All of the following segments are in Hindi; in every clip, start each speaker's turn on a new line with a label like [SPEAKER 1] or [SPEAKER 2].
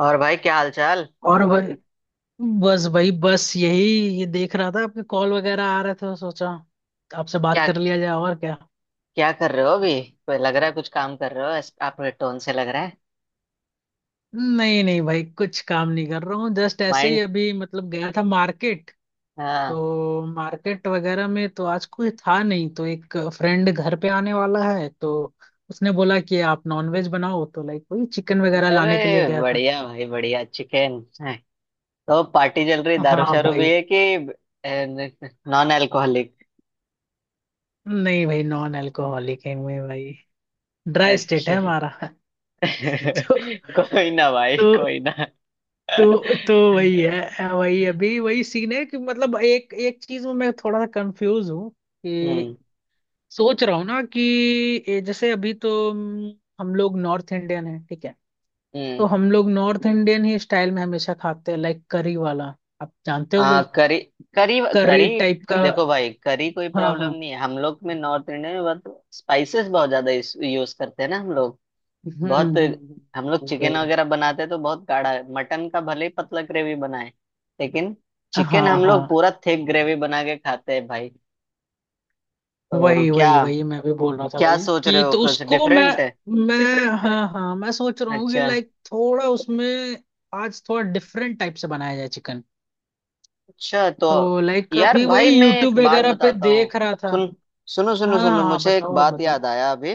[SPEAKER 1] और भाई, क्या हाल चाल?
[SPEAKER 2] और भाई। बस भाई बस यही, ये देख रहा था आपके कॉल वगैरह आ रहे थे तो सोचा आपसे बात
[SPEAKER 1] क्या
[SPEAKER 2] कर लिया जाए, और क्या।
[SPEAKER 1] क्या कर रहे हो अभी? कोई लग रहा है कुछ काम कर रहे हो। आपके टोन से लग रहा है।
[SPEAKER 2] नहीं नहीं भाई, कुछ काम नहीं कर रहा हूँ, जस्ट ऐसे ही
[SPEAKER 1] माइंड।
[SPEAKER 2] अभी मतलब गया था मार्केट।
[SPEAKER 1] हाँ।
[SPEAKER 2] तो मार्केट वगैरह में तो आज कोई था नहीं, तो एक फ्रेंड घर पे आने वाला है, तो उसने बोला कि आप नॉनवेज बनाओ, तो लाइक वही चिकन वगैरह लाने के लिए
[SPEAKER 1] अरे
[SPEAKER 2] गया था।
[SPEAKER 1] बढ़िया भाई, बढ़िया चिकन। तो पार्टी चल रही, दारू
[SPEAKER 2] हाँ
[SPEAKER 1] शारू भी
[SPEAKER 2] भाई।
[SPEAKER 1] है कि नॉन अल्कोहलिक?
[SPEAKER 2] नहीं भाई, नॉन अल्कोहलिक है मैं भाई, ड्राई स्टेट है
[SPEAKER 1] अच्छा।
[SPEAKER 2] हमारा। तो
[SPEAKER 1] कोई ना भाई,
[SPEAKER 2] तो
[SPEAKER 1] कोई ना।
[SPEAKER 2] तो वही है। वही अभी वही सीन है कि मतलब एक एक चीज में मैं थोड़ा सा कंफ्यूज हूँ कि
[SPEAKER 1] हम्म।
[SPEAKER 2] सोच रहा हूँ ना कि ये जैसे अभी तो हम लोग नॉर्थ इंडियन हैं, ठीक है।
[SPEAKER 1] हम्म।
[SPEAKER 2] तो हम लोग नॉर्थ इंडियन ही स्टाइल में हमेशा खाते हैं, लाइक करी वाला, आप जानते होगे।
[SPEAKER 1] हाँ, करी। करी।
[SPEAKER 2] करी
[SPEAKER 1] करी।
[SPEAKER 2] टाइप का।
[SPEAKER 1] देखो भाई, करी कोई
[SPEAKER 2] हाँ
[SPEAKER 1] प्रॉब्लम
[SPEAKER 2] हाँ।
[SPEAKER 1] नहीं है। हम लोग में, नॉर्थ इंडिया में बहुत स्पाइसेस, बहुत ज्यादा यूज करते हैं ना हम लोग। बहुत।
[SPEAKER 2] हम्म।
[SPEAKER 1] हम लोग चिकन
[SPEAKER 2] वही।
[SPEAKER 1] वगैरह बनाते तो बहुत गाढ़ा है। मटन का भले ही पतला ग्रेवी बनाए, लेकिन
[SPEAKER 2] हाँ
[SPEAKER 1] चिकन हम लोग
[SPEAKER 2] हाँ।
[SPEAKER 1] पूरा थिक ग्रेवी बना के खाते हैं भाई। तो
[SPEAKER 2] वही
[SPEAKER 1] क्या?
[SPEAKER 2] वही वही मैं भी बोल रहा था
[SPEAKER 1] क्या
[SPEAKER 2] भाई
[SPEAKER 1] सोच रहे
[SPEAKER 2] कि
[SPEAKER 1] हो,
[SPEAKER 2] तो
[SPEAKER 1] कुछ
[SPEAKER 2] उसको मैं,
[SPEAKER 1] डिफरेंट है?
[SPEAKER 2] हाँ हाँ, मैं सोच रहा हूँ कि
[SPEAKER 1] अच्छा।
[SPEAKER 2] लाइक थोड़ा उसमें आज थोड़ा डिफरेंट टाइप से बनाया जाए चिकन।
[SPEAKER 1] अच्छा। तो
[SPEAKER 2] तो लाइक
[SPEAKER 1] यार
[SPEAKER 2] अभी
[SPEAKER 1] भाई,
[SPEAKER 2] वही
[SPEAKER 1] मैं एक
[SPEAKER 2] यूट्यूब
[SPEAKER 1] बात
[SPEAKER 2] वगैरह पे
[SPEAKER 1] बताता हूँ।
[SPEAKER 2] देख रहा था।
[SPEAKER 1] सुन सुनो, सुनो,
[SPEAKER 2] हाँ
[SPEAKER 1] सुनो,
[SPEAKER 2] हाँ हाँ,
[SPEAKER 1] मुझे एक
[SPEAKER 2] बताओ आप
[SPEAKER 1] बात
[SPEAKER 2] बताओ।
[SPEAKER 1] याद आया अभी।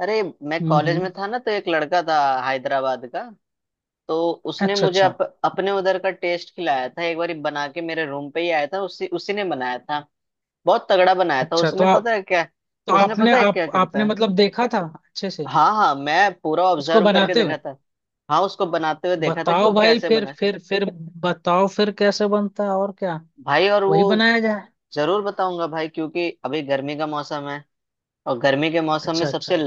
[SPEAKER 1] अरे, मैं कॉलेज में
[SPEAKER 2] हम्म।
[SPEAKER 1] था ना, तो एक लड़का था हैदराबाद का। तो उसने
[SPEAKER 2] अच्छा
[SPEAKER 1] मुझे
[SPEAKER 2] अच्छा।
[SPEAKER 1] अपने उधर का टेस्ट खिलाया था। एक बार बना के मेरे रूम पे ही आया था, उसी उसी ने बनाया था। बहुत तगड़ा बनाया था
[SPEAKER 2] अच्छा, तो आप तो
[SPEAKER 1] उसने
[SPEAKER 2] आपने
[SPEAKER 1] पता है क्या
[SPEAKER 2] आप आपने
[SPEAKER 1] करता है।
[SPEAKER 2] मतलब देखा था? अच्छे से
[SPEAKER 1] हाँ हाँ, मैं पूरा
[SPEAKER 2] उसको
[SPEAKER 1] ऑब्जर्व करके
[SPEAKER 2] बनाते हुए।
[SPEAKER 1] देखा था। हाँ, उसको बनाते हुए देखा था कि
[SPEAKER 2] बताओ
[SPEAKER 1] वो
[SPEAKER 2] भाई
[SPEAKER 1] कैसे
[SPEAKER 2] फिर
[SPEAKER 1] बना है।
[SPEAKER 2] फिर फिर बताओ फिर कैसे बनता है और क्या,
[SPEAKER 1] भाई, और वो
[SPEAKER 2] वही बनाया जाए।
[SPEAKER 1] जरूर बताऊंगा भाई, क्योंकि अभी गर्मी का मौसम है। और गर्मी के मौसम में
[SPEAKER 2] अच्छा
[SPEAKER 1] सबसे
[SPEAKER 2] अच्छा,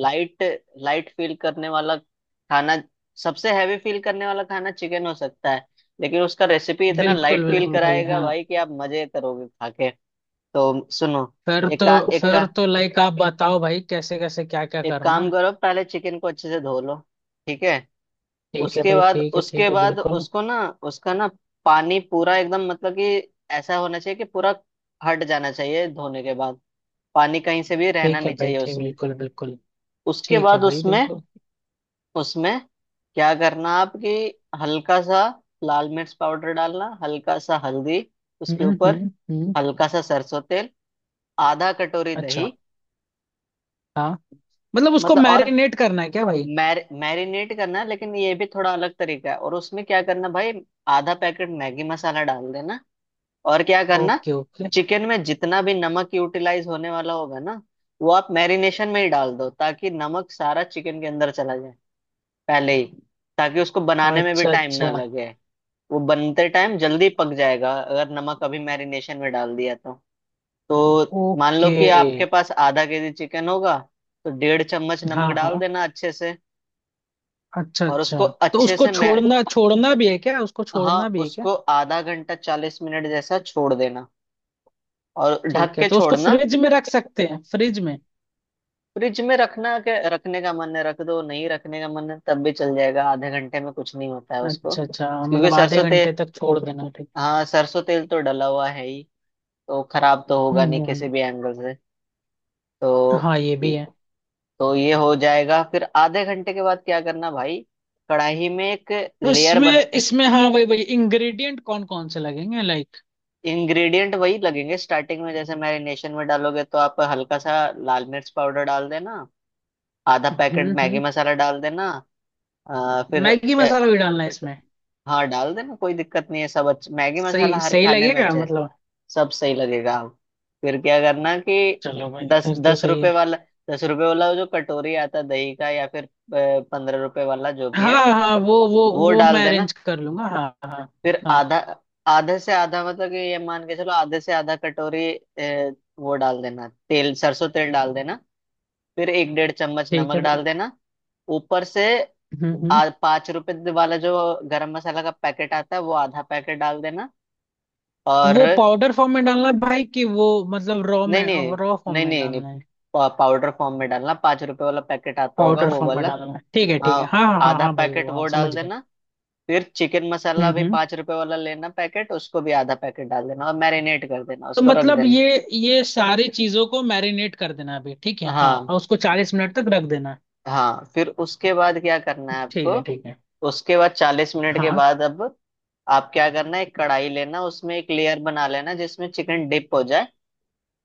[SPEAKER 1] लाइट, लाइट फील करने वाला खाना, सबसे हैवी फील करने वाला खाना चिकन हो सकता है, लेकिन उसका रेसिपी इतना
[SPEAKER 2] बिल्कुल
[SPEAKER 1] लाइट फील
[SPEAKER 2] बिल्कुल भाई,
[SPEAKER 1] कराएगा
[SPEAKER 2] हाँ।
[SPEAKER 1] भाई कि आप मजे करोगे खा के। तो सुनो,
[SPEAKER 2] फिर तो
[SPEAKER 1] एक एक
[SPEAKER 2] फिर तो लाइक आप बताओ भाई, कैसे कैसे क्या क्या
[SPEAKER 1] एक
[SPEAKER 2] करना
[SPEAKER 1] काम
[SPEAKER 2] है।
[SPEAKER 1] करो, पहले चिकन को अच्छे से धो लो। ठीक है?
[SPEAKER 2] ठीक है भाई, ठीक है ठीक
[SPEAKER 1] उसके
[SPEAKER 2] है,
[SPEAKER 1] बाद
[SPEAKER 2] बिल्कुल।
[SPEAKER 1] उसको ना उसका ना पानी पूरा एकदम, मतलब कि ऐसा होना चाहिए कि पूरा हट जाना चाहिए धोने के बाद। पानी कहीं से भी रहना
[SPEAKER 2] ठीक है
[SPEAKER 1] नहीं
[SPEAKER 2] भाई,
[SPEAKER 1] चाहिए
[SPEAKER 2] ठीक,
[SPEAKER 1] उसमें।
[SPEAKER 2] बिल्कुल बिल्कुल।
[SPEAKER 1] उसके
[SPEAKER 2] ठीक है
[SPEAKER 1] बाद
[SPEAKER 2] भाई,
[SPEAKER 1] उसमें
[SPEAKER 2] बिल्कुल।
[SPEAKER 1] उसमें क्या करना आप कि हल्का सा लाल मिर्च पाउडर डालना, हल्का सा हल्दी
[SPEAKER 2] हम्म
[SPEAKER 1] उसके
[SPEAKER 2] हम्म
[SPEAKER 1] ऊपर,
[SPEAKER 2] हम्म।
[SPEAKER 1] हल्का सा सरसों तेल, आधा कटोरी
[SPEAKER 2] अच्छा।
[SPEAKER 1] दही।
[SPEAKER 2] हाँ। मतलब उसको
[SPEAKER 1] मतलब और
[SPEAKER 2] मैरिनेट करना है क्या भाई?
[SPEAKER 1] मैरिनेट करना है, लेकिन ये भी थोड़ा अलग तरीका है। और उसमें क्या करना भाई, आधा पैकेट मैगी मसाला डाल देना। और क्या करना?
[SPEAKER 2] Okay okay.
[SPEAKER 1] चिकन में जितना भी नमक यूटिलाइज होने वाला होगा ना, वो आप मैरिनेशन में ही डाल दो, ताकि नमक सारा चिकन के अंदर चला जाए पहले ही, ताकि उसको बनाने में भी
[SPEAKER 2] अच्छा।
[SPEAKER 1] टाइम ना
[SPEAKER 2] अच्छा।
[SPEAKER 1] लगे। वो बनते टाइम जल्दी पक जाएगा अगर नमक अभी मैरिनेशन में डाल दिया तो। तो मान लो
[SPEAKER 2] ओके।
[SPEAKER 1] कि आपके पास आधा केजी चिकन होगा, तो 1.5 चम्मच नमक
[SPEAKER 2] हाँ
[SPEAKER 1] डाल
[SPEAKER 2] हाँ।
[SPEAKER 1] देना अच्छे से।
[SPEAKER 2] अच्छा
[SPEAKER 1] और
[SPEAKER 2] अच्छा।
[SPEAKER 1] उसको
[SPEAKER 2] तो
[SPEAKER 1] अच्छे
[SPEAKER 2] उसको
[SPEAKER 1] से मै
[SPEAKER 2] छोड़ना, छोड़ना भी है क्या, उसको
[SPEAKER 1] हाँ,
[SPEAKER 2] छोड़ना भी है क्या?
[SPEAKER 1] उसको आधा घंटा 40 मिनट जैसा छोड़ देना, और ढक
[SPEAKER 2] ठीक है,
[SPEAKER 1] के
[SPEAKER 2] तो उसको
[SPEAKER 1] छोड़ना।
[SPEAKER 2] फ्रिज में रख सकते हैं, फ्रिज में?
[SPEAKER 1] फ्रिज में रखना, के रखने का मन है रख दो, नहीं रखने का मन है तब भी चल जाएगा। आधे घंटे में कुछ नहीं होता है उसको,
[SPEAKER 2] अच्छा अच्छा,
[SPEAKER 1] क्योंकि
[SPEAKER 2] मतलब आधे
[SPEAKER 1] सरसों
[SPEAKER 2] घंटे
[SPEAKER 1] तेल।
[SPEAKER 2] तक छोड़ देना, ठीक।
[SPEAKER 1] हाँ, सरसों तेल तो डला हुआ है ही, तो खराब तो होगा नहीं किसी
[SPEAKER 2] हम्म।
[SPEAKER 1] भी एंगल से। तो
[SPEAKER 2] हाँ ये भी
[SPEAKER 1] इ-
[SPEAKER 2] है।
[SPEAKER 1] तो ये हो जाएगा। फिर आधे घंटे के बाद क्या करना भाई, कढ़ाई में एक लेयर बना।
[SPEAKER 2] इसमें इसमें हाँ, वही वही इंग्रेडिएंट कौन कौन से लगेंगे, लाइक?
[SPEAKER 1] इंग्रेडिएंट वही लगेंगे। स्टार्टिंग में जैसे मैरिनेशन में डालोगे, तो आप हल्का सा लाल मिर्च पाउडर डाल देना, आधा पैकेट मैगी
[SPEAKER 2] हम्म।
[SPEAKER 1] मसाला डाल देना। फिर
[SPEAKER 2] मैगी
[SPEAKER 1] ए,
[SPEAKER 2] मसाला भी डालना है इसमें?
[SPEAKER 1] हाँ, डाल देना, कोई दिक्कत नहीं है। सब अच्छा, मैगी मसाला
[SPEAKER 2] सही
[SPEAKER 1] हर
[SPEAKER 2] सही
[SPEAKER 1] खाने में
[SPEAKER 2] लगेगा
[SPEAKER 1] अच्छा है।
[SPEAKER 2] मतलब?
[SPEAKER 1] सब सही लगेगा आप। फिर क्या करना कि
[SPEAKER 2] चलो भाई,
[SPEAKER 1] दस
[SPEAKER 2] फिर तो सही है।
[SPEAKER 1] दस रुपए वाला वो जो कटोरी आता है दही का, या फिर 15 रुपए वाला, जो भी है,
[SPEAKER 2] हाँ हाँ, वो वो
[SPEAKER 1] वो
[SPEAKER 2] वो
[SPEAKER 1] डाल
[SPEAKER 2] मैं
[SPEAKER 1] देना।
[SPEAKER 2] अरेंज कर लूंगा, हाँ हाँ।
[SPEAKER 1] फिर
[SPEAKER 2] हाँ।
[SPEAKER 1] आधा, आधे से आधा, मतलब कि ये मान के चलो आधे से आधा कटोरी ए, वो डाल देना। तेल, सरसों तेल डाल देना। फिर 1-1.5 चम्मच
[SPEAKER 2] ठीक
[SPEAKER 1] नमक
[SPEAKER 2] है भाई।
[SPEAKER 1] डाल देना ऊपर से।
[SPEAKER 2] हम्म।
[SPEAKER 1] आज 5 रुपए वाला जो गरम मसाला का पैकेट आता है, वो आधा पैकेट डाल देना। और
[SPEAKER 2] वो पाउडर फॉर्म में डालना है भाई कि वो मतलब रॉ
[SPEAKER 1] नहीं,
[SPEAKER 2] में,
[SPEAKER 1] नहीं,
[SPEAKER 2] रॉ फॉर्म
[SPEAKER 1] नहीं,
[SPEAKER 2] में
[SPEAKER 1] नहीं, नहीं,
[SPEAKER 2] डालना है?
[SPEAKER 1] पाउडर फॉर्म में डालना, पाँच रुपए वाला पैकेट आता होगा,
[SPEAKER 2] पाउडर
[SPEAKER 1] वो
[SPEAKER 2] फॉर्म में
[SPEAKER 1] वाला।
[SPEAKER 2] डालना है, ठीक है
[SPEAKER 1] हाँ,
[SPEAKER 2] ठीक है, हाँ हाँ हाँ
[SPEAKER 1] आधा
[SPEAKER 2] हाँ भाई, वो
[SPEAKER 1] पैकेट वो
[SPEAKER 2] हम
[SPEAKER 1] डाल
[SPEAKER 2] समझ गए।
[SPEAKER 1] देना। फिर चिकन मसाला भी
[SPEAKER 2] हम्म।
[SPEAKER 1] 5 रुपए वाला लेना पैकेट, उसको भी आधा पैकेट डाल देना, और मैरिनेट कर देना,
[SPEAKER 2] तो
[SPEAKER 1] उसको रख
[SPEAKER 2] मतलब
[SPEAKER 1] देना।
[SPEAKER 2] ये सारी चीजों को मैरिनेट कर देना अभी, ठीक है, हाँ,
[SPEAKER 1] हाँ
[SPEAKER 2] और उसको 40 मिनट तक रख देना।
[SPEAKER 1] हाँ। फिर उसके बाद क्या करना है
[SPEAKER 2] ठीक है ठीक
[SPEAKER 1] आपको?
[SPEAKER 2] है।
[SPEAKER 1] उसके बाद 40 मिनट के
[SPEAKER 2] हाँ।
[SPEAKER 1] बाद अब आप क्या करना है, एक कढ़ाई लेना, उसमें एक लेयर बना लेना जिसमें चिकन डिप हो जाए।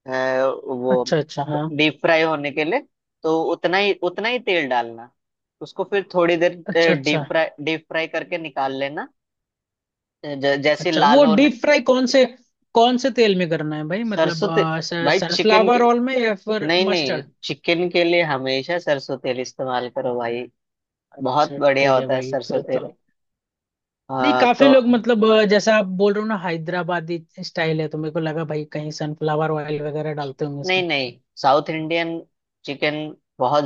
[SPEAKER 1] अ, वो
[SPEAKER 2] अच्छा अच्छा, हाँ।
[SPEAKER 1] डीप फ्राई होने के लिए, तो उतना ही, उतना ही तेल डालना। उसको फिर थोड़ी देर
[SPEAKER 2] अच्छा अच्छा
[SPEAKER 1] डीप फ्राई, डीप फ्राई करके निकाल लेना। जैसे
[SPEAKER 2] अच्छा,
[SPEAKER 1] लाल
[SPEAKER 2] वो
[SPEAKER 1] होने।
[SPEAKER 2] डीप फ्राई कौन से तेल में करना है भाई, मतलब
[SPEAKER 1] सरसों तेल, भाई चिकन के,
[SPEAKER 2] सनफ्लावर ऑयल में या फिर
[SPEAKER 1] नहीं नहीं,
[SPEAKER 2] मस्टर्ड?
[SPEAKER 1] चिकन के लिए हमेशा सरसों तेल इस्तेमाल करो भाई। बहुत
[SPEAKER 2] अच्छा
[SPEAKER 1] बढ़िया
[SPEAKER 2] ठीक है
[SPEAKER 1] होता है
[SPEAKER 2] भाई,
[SPEAKER 1] सरसों
[SPEAKER 2] फिर
[SPEAKER 1] तेल।
[SPEAKER 2] तो। नहीं,
[SPEAKER 1] हाँ
[SPEAKER 2] काफी
[SPEAKER 1] तो
[SPEAKER 2] लोग मतलब जैसा आप बोल रहे हो ना, हैदराबादी स्टाइल है, तो मेरे को लगा भाई कहीं सनफ्लावर ऑयल वगैरह डालते होंगे
[SPEAKER 1] नहीं
[SPEAKER 2] इसमें।
[SPEAKER 1] नहीं, साउथ इंडियन चिकन बहुत,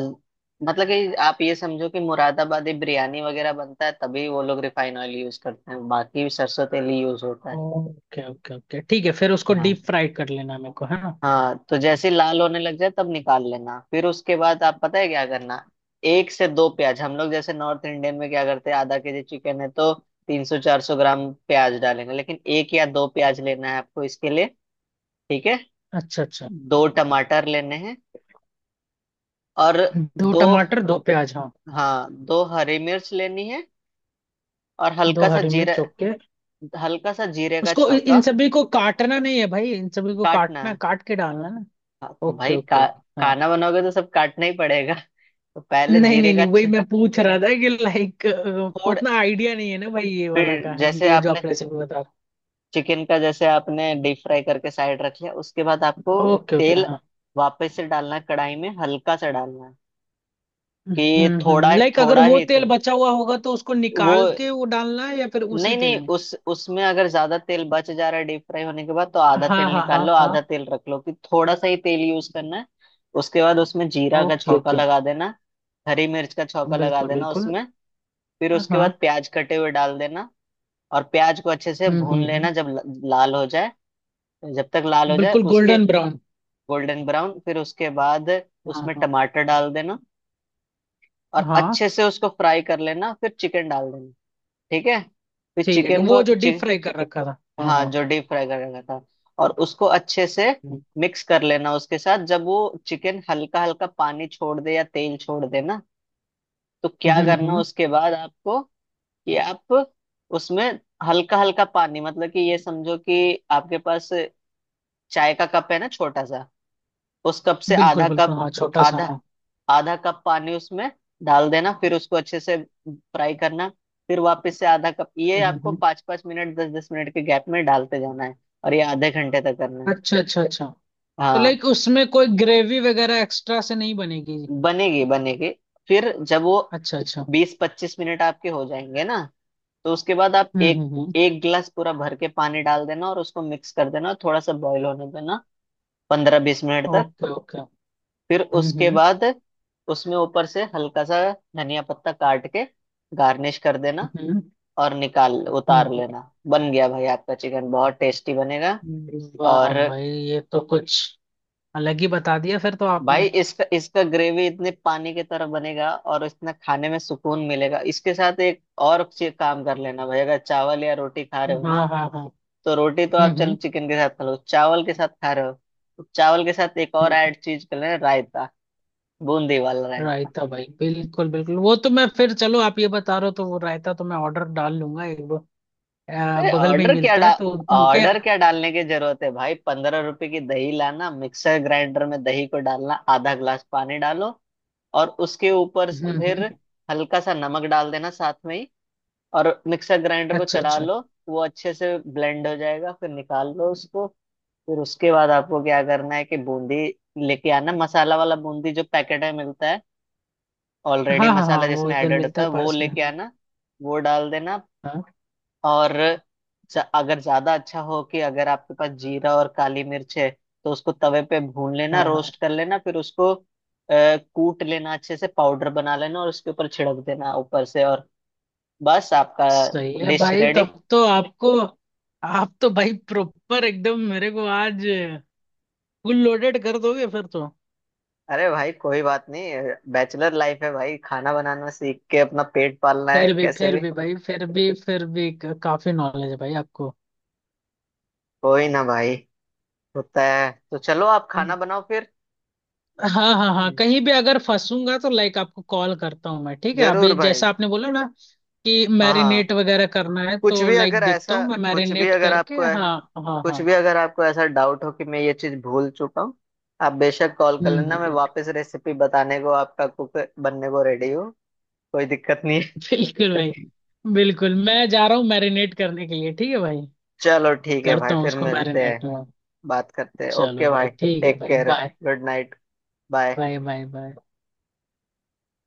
[SPEAKER 1] मतलब कि आप ये समझो कि मुरादाबादी बिरयानी वगैरह बनता है तभी वो लोग रिफाइन ऑयल यूज करते हैं, बाकी सरसों तेल ही यूज होता है।
[SPEAKER 2] ओके ओके ओके, ठीक है, फिर उसको
[SPEAKER 1] हाँ
[SPEAKER 2] डीप फ्राई कर लेना मेरे को, है ना?
[SPEAKER 1] हाँ, तो जैसे ही लाल होने लग जाए तब निकाल लेना। फिर उसके बाद आप पता है क्या करना, एक से दो प्याज, हम लोग जैसे नॉर्थ इंडियन में क्या करते हैं, आधा केजी चिकन है तो 300-400 ग्राम प्याज डालेंगे, लेकिन एक या दो प्याज लेना है आपको इसके लिए। ठीक है?
[SPEAKER 2] अच्छा अच्छा।
[SPEAKER 1] दो टमाटर लेने हैं, और
[SPEAKER 2] दो
[SPEAKER 1] दो
[SPEAKER 2] टमाटर, दो प्याज, हाँ।
[SPEAKER 1] हाँ, दो हरी मिर्च लेनी है, और
[SPEAKER 2] दो
[SPEAKER 1] हल्का सा
[SPEAKER 2] हरी
[SPEAKER 1] जीरा,
[SPEAKER 2] मिर्च, ओके।
[SPEAKER 1] हल्का सा जीरे का
[SPEAKER 2] उसको
[SPEAKER 1] छौंका।
[SPEAKER 2] इन सभी को काटना नहीं है भाई, इन सभी को
[SPEAKER 1] काटना
[SPEAKER 2] काटना,
[SPEAKER 1] है।
[SPEAKER 2] काट के डालना है ना?
[SPEAKER 1] हाँ,
[SPEAKER 2] ओके ओके ओके, हाँ।
[SPEAKER 1] खाना बनाओगे तो सब काटना ही पड़ेगा। तो पहले
[SPEAKER 2] नहीं
[SPEAKER 1] जीरे
[SPEAKER 2] नहीं
[SPEAKER 1] का
[SPEAKER 2] नहीं, वही मैं पूछ रहा था कि लाइक
[SPEAKER 1] थोड़
[SPEAKER 2] उतना आइडिया नहीं है ना भाई, ये वाला
[SPEAKER 1] फिर
[SPEAKER 2] का,
[SPEAKER 1] जैसे
[SPEAKER 2] ये जो
[SPEAKER 1] आपने
[SPEAKER 2] आप रेसिपी बता रहे।
[SPEAKER 1] चिकन का, जैसे आपने डीप फ्राई करके साइड रख लिया, उसके बाद आपको
[SPEAKER 2] ओके ओके,
[SPEAKER 1] तेल
[SPEAKER 2] हाँ।
[SPEAKER 1] वापस से डालना है कढ़ाई में, हल्का सा डालना है, कि थोड़ा
[SPEAKER 2] हम्म, लाइक अगर
[SPEAKER 1] थोड़ा
[SPEAKER 2] वो
[SPEAKER 1] ही
[SPEAKER 2] तेल
[SPEAKER 1] तेल,
[SPEAKER 2] बचा हुआ होगा तो उसको
[SPEAKER 1] वो
[SPEAKER 2] निकाल के वो डालना है, या फिर उसी
[SPEAKER 1] नहीं
[SPEAKER 2] तेल
[SPEAKER 1] नहीं,
[SPEAKER 2] में?
[SPEAKER 1] उस उसमें अगर ज्यादा तेल बच जा रहा है डीप फ्राई होने के बाद, तो आधा तेल
[SPEAKER 2] हाँ हाँ
[SPEAKER 1] निकाल
[SPEAKER 2] हाँ
[SPEAKER 1] लो, आधा
[SPEAKER 2] हाँ।
[SPEAKER 1] तेल रख लो, कि थोड़ा सा ही तेल यूज करना है। उसके बाद उसमें जीरा का
[SPEAKER 2] ओके
[SPEAKER 1] छौंका
[SPEAKER 2] ओके।
[SPEAKER 1] लगा देना, हरी मिर्च का छौंका लगा
[SPEAKER 2] बिल्कुल
[SPEAKER 1] देना
[SPEAKER 2] बिल्कुल,
[SPEAKER 1] उसमें। फिर उसके
[SPEAKER 2] हाँ।
[SPEAKER 1] बाद प्याज कटे हुए डाल देना, और प्याज को अच्छे से भून
[SPEAKER 2] हम्म।
[SPEAKER 1] लेना, जब लाल हो जाए, जब तक लाल हो जाए,
[SPEAKER 2] बिल्कुल,
[SPEAKER 1] उसके
[SPEAKER 2] गोल्डन ब्राउन।
[SPEAKER 1] गोल्डन ब्राउन, फिर उसके बाद
[SPEAKER 2] हाँ
[SPEAKER 1] उसमें
[SPEAKER 2] हाँ
[SPEAKER 1] टमाटर डाल देना, और
[SPEAKER 2] हाँ,
[SPEAKER 1] अच्छे से उसको फ्राई कर लेना, फिर चिकन डाल देना। ठीक है? फिर
[SPEAKER 2] ठीक है,
[SPEAKER 1] चिकन
[SPEAKER 2] वो
[SPEAKER 1] को
[SPEAKER 2] जो डीप फ्राई कर रखा था, हाँ
[SPEAKER 1] हाँ,
[SPEAKER 2] हाँ।
[SPEAKER 1] जो डीप फ्राई कर रखा था, और उसको अच्छे से
[SPEAKER 2] हम्म,
[SPEAKER 1] मिक्स कर लेना उसके साथ। जब वो चिकन हल्का हल्का पानी छोड़ दे या तेल छोड़ दे ना, तो क्या करना
[SPEAKER 2] हम्म।
[SPEAKER 1] उसके बाद आपको कि आप उसमें हल्का हल्का पानी, मतलब कि ये समझो कि आपके पास चाय का कप है ना छोटा सा, उस कप से
[SPEAKER 2] बिल्कुल
[SPEAKER 1] आधा
[SPEAKER 2] बिल्कुल,
[SPEAKER 1] कप,
[SPEAKER 2] हाँ, छोटा सा,
[SPEAKER 1] आधा,
[SPEAKER 2] हाँ।
[SPEAKER 1] आधा कप पानी उसमें डाल देना, फिर उसको अच्छे से फ्राई करना, फिर वापस से आधा कप। ये
[SPEAKER 2] हम्म,
[SPEAKER 1] आपको
[SPEAKER 2] हम्म।
[SPEAKER 1] 5-5 मिनट, 10-10 मिनट के गैप में डालते जाना है, और ये आधे घंटे तक करना है।
[SPEAKER 2] अच्छा अच्छा अच्छा, तो
[SPEAKER 1] हाँ,
[SPEAKER 2] लाइक उसमें कोई ग्रेवी वगैरह एक्स्ट्रा से नहीं बनेगी?
[SPEAKER 1] बनेगी, बनेगी। फिर जब वो
[SPEAKER 2] अच्छा अच्छा।
[SPEAKER 1] 20-25 मिनट आपके हो जाएंगे ना, तो उसके बाद आप एक,
[SPEAKER 2] हम्म।
[SPEAKER 1] एक गिलास पूरा भर के पानी डाल देना, और उसको मिक्स कर देना, और थोड़ा सा बॉईल होने देना 15-20 मिनट तक।
[SPEAKER 2] Okay okay.
[SPEAKER 1] फिर
[SPEAKER 2] हम्म
[SPEAKER 1] उसके
[SPEAKER 2] हम्म
[SPEAKER 1] बाद उसमें ऊपर से हल्का सा धनिया पत्ता काट के गार्निश कर देना,
[SPEAKER 2] हम्म
[SPEAKER 1] और निकाल उतार
[SPEAKER 2] हम्म।
[SPEAKER 1] लेना। बन गया भाई, आपका चिकन बहुत टेस्टी बनेगा।
[SPEAKER 2] हम्म। वाह
[SPEAKER 1] और
[SPEAKER 2] भाई, ये तो कुछ अलग ही बता दिया फिर तो
[SPEAKER 1] भाई,
[SPEAKER 2] आपने।
[SPEAKER 1] इसका इसका ग्रेवी इतने पानी की तरह बनेगा, और इतना खाने में सुकून मिलेगा। इसके साथ एक और काम कर लेना भाई, अगर चावल या रोटी खा रहे हो ना,
[SPEAKER 2] हाँ हाँ हाँ।
[SPEAKER 1] तो रोटी तो आप चलो
[SPEAKER 2] हम्म।
[SPEAKER 1] चिकन के साथ खा लो, चावल के साथ खा रहे हो, तो चावल के साथ एक और
[SPEAKER 2] हम्म।
[SPEAKER 1] ऐड चीज कर लेना, रायता। बूंदी वाला रायता।
[SPEAKER 2] रायता भाई, बिल्कुल बिल्कुल, वो तो मैं, फिर चलो, आप ये बता रहे हो तो वो रायता तो मैं ऑर्डर डाल लूंगा एक,
[SPEAKER 1] अरे
[SPEAKER 2] बगल में ही मिलता है तो उनके।
[SPEAKER 1] ऑर्डर क्या डालने की जरूरत है भाई। 15 रुपए की दही लाना, मिक्सर ग्राइंडर में दही को डालना, आधा ग्लास पानी डालो, और उसके ऊपर फिर
[SPEAKER 2] हम्म।
[SPEAKER 1] हल्का सा नमक डाल देना साथ में ही, और मिक्सर ग्राइंडर को
[SPEAKER 2] अच्छा
[SPEAKER 1] चला
[SPEAKER 2] अच्छा,
[SPEAKER 1] लो। वो अच्छे से ब्लेंड हो जाएगा, फिर निकाल लो उसको। फिर उसके बाद आपको क्या करना है कि बूंदी लेके आना, मसाला वाला बूंदी जो पैकेट में मिलता है, ऑलरेडी
[SPEAKER 2] हाँ हाँ हाँ,
[SPEAKER 1] मसाला
[SPEAKER 2] वो
[SPEAKER 1] जिसमें
[SPEAKER 2] इधर
[SPEAKER 1] एडेड होता
[SPEAKER 2] मिलता
[SPEAKER 1] है,
[SPEAKER 2] है
[SPEAKER 1] वो
[SPEAKER 2] पास में,
[SPEAKER 1] लेके
[SPEAKER 2] हाँ।
[SPEAKER 1] आना। वो डाल देना।
[SPEAKER 2] हाँ
[SPEAKER 1] और अगर ज्यादा अच्छा हो कि अगर आपके पास जीरा और काली मिर्च है, तो उसको तवे पे भून
[SPEAKER 2] हाँ
[SPEAKER 1] लेना,
[SPEAKER 2] हाँ।
[SPEAKER 1] रोस्ट कर लेना, फिर उसको कूट लेना, अच्छे से पाउडर बना लेना और उसके ऊपर छिड़क देना ऊपर से। और बस आपका
[SPEAKER 2] सही है
[SPEAKER 1] डिश
[SPEAKER 2] भाई,
[SPEAKER 1] रेडी।
[SPEAKER 2] तब तो आपको, आप तो भाई प्रॉपर एकदम मेरे को आज फुल लोडेड कर दोगे फिर तो।
[SPEAKER 1] अरे भाई, कोई बात नहीं। बैचलर लाइफ है भाई, खाना बनाना सीख के अपना पेट पालना है कैसे
[SPEAKER 2] फिर
[SPEAKER 1] भी।
[SPEAKER 2] भी भाई, फिर भी काफी नॉलेज है भाई आपको।
[SPEAKER 1] कोई ना भाई, होता है। तो चलो आप खाना बनाओ फिर।
[SPEAKER 2] हाँ हाँ हाँ,
[SPEAKER 1] हम्म।
[SPEAKER 2] कहीं भी अगर फंसूंगा तो लाइक आपको कॉल करता हूँ मैं, ठीक है,
[SPEAKER 1] जरूर
[SPEAKER 2] अभी
[SPEAKER 1] भाई।
[SPEAKER 2] जैसा आपने बोला ना कि
[SPEAKER 1] हाँ हाँ।
[SPEAKER 2] मैरिनेट वगैरह करना है,
[SPEAKER 1] कुछ
[SPEAKER 2] तो
[SPEAKER 1] भी
[SPEAKER 2] लाइक
[SPEAKER 1] अगर
[SPEAKER 2] देखता हूँ
[SPEAKER 1] ऐसा
[SPEAKER 2] मैं,
[SPEAKER 1] कुछ भी
[SPEAKER 2] मैरिनेट
[SPEAKER 1] अगर
[SPEAKER 2] करके,
[SPEAKER 1] आपको
[SPEAKER 2] हाँ, हाँ
[SPEAKER 1] कुछ
[SPEAKER 2] हाँ।
[SPEAKER 1] भी अगर आपको ऐसा डाउट हो कि मैं ये चीज भूल चुका हूँ, आप बेशक कॉल कर
[SPEAKER 2] हम्म
[SPEAKER 1] लेना।
[SPEAKER 2] हम्म,
[SPEAKER 1] मैं
[SPEAKER 2] हम्म।
[SPEAKER 1] वापस रेसिपी बताने को, आपका कुक बनने को रेडी हूँ। कोई दिक्कत नहीं है।
[SPEAKER 2] बिल्कुल भाई। बिल्कुल, मैं जा रहा हूँ मैरिनेट करने के लिए, ठीक है भाई,
[SPEAKER 1] चलो ठीक है भाई,
[SPEAKER 2] करता हूँ
[SPEAKER 1] फिर
[SPEAKER 2] उसको
[SPEAKER 1] मिलते
[SPEAKER 2] मैरिनेट
[SPEAKER 1] हैं।
[SPEAKER 2] में।
[SPEAKER 1] बात करते हैं।
[SPEAKER 2] चलो
[SPEAKER 1] ओके
[SPEAKER 2] भाई,
[SPEAKER 1] भाई,
[SPEAKER 2] ठीक है
[SPEAKER 1] टेक
[SPEAKER 2] भाई,
[SPEAKER 1] care,
[SPEAKER 2] bye
[SPEAKER 1] good night, bye.
[SPEAKER 2] Bye bye bye.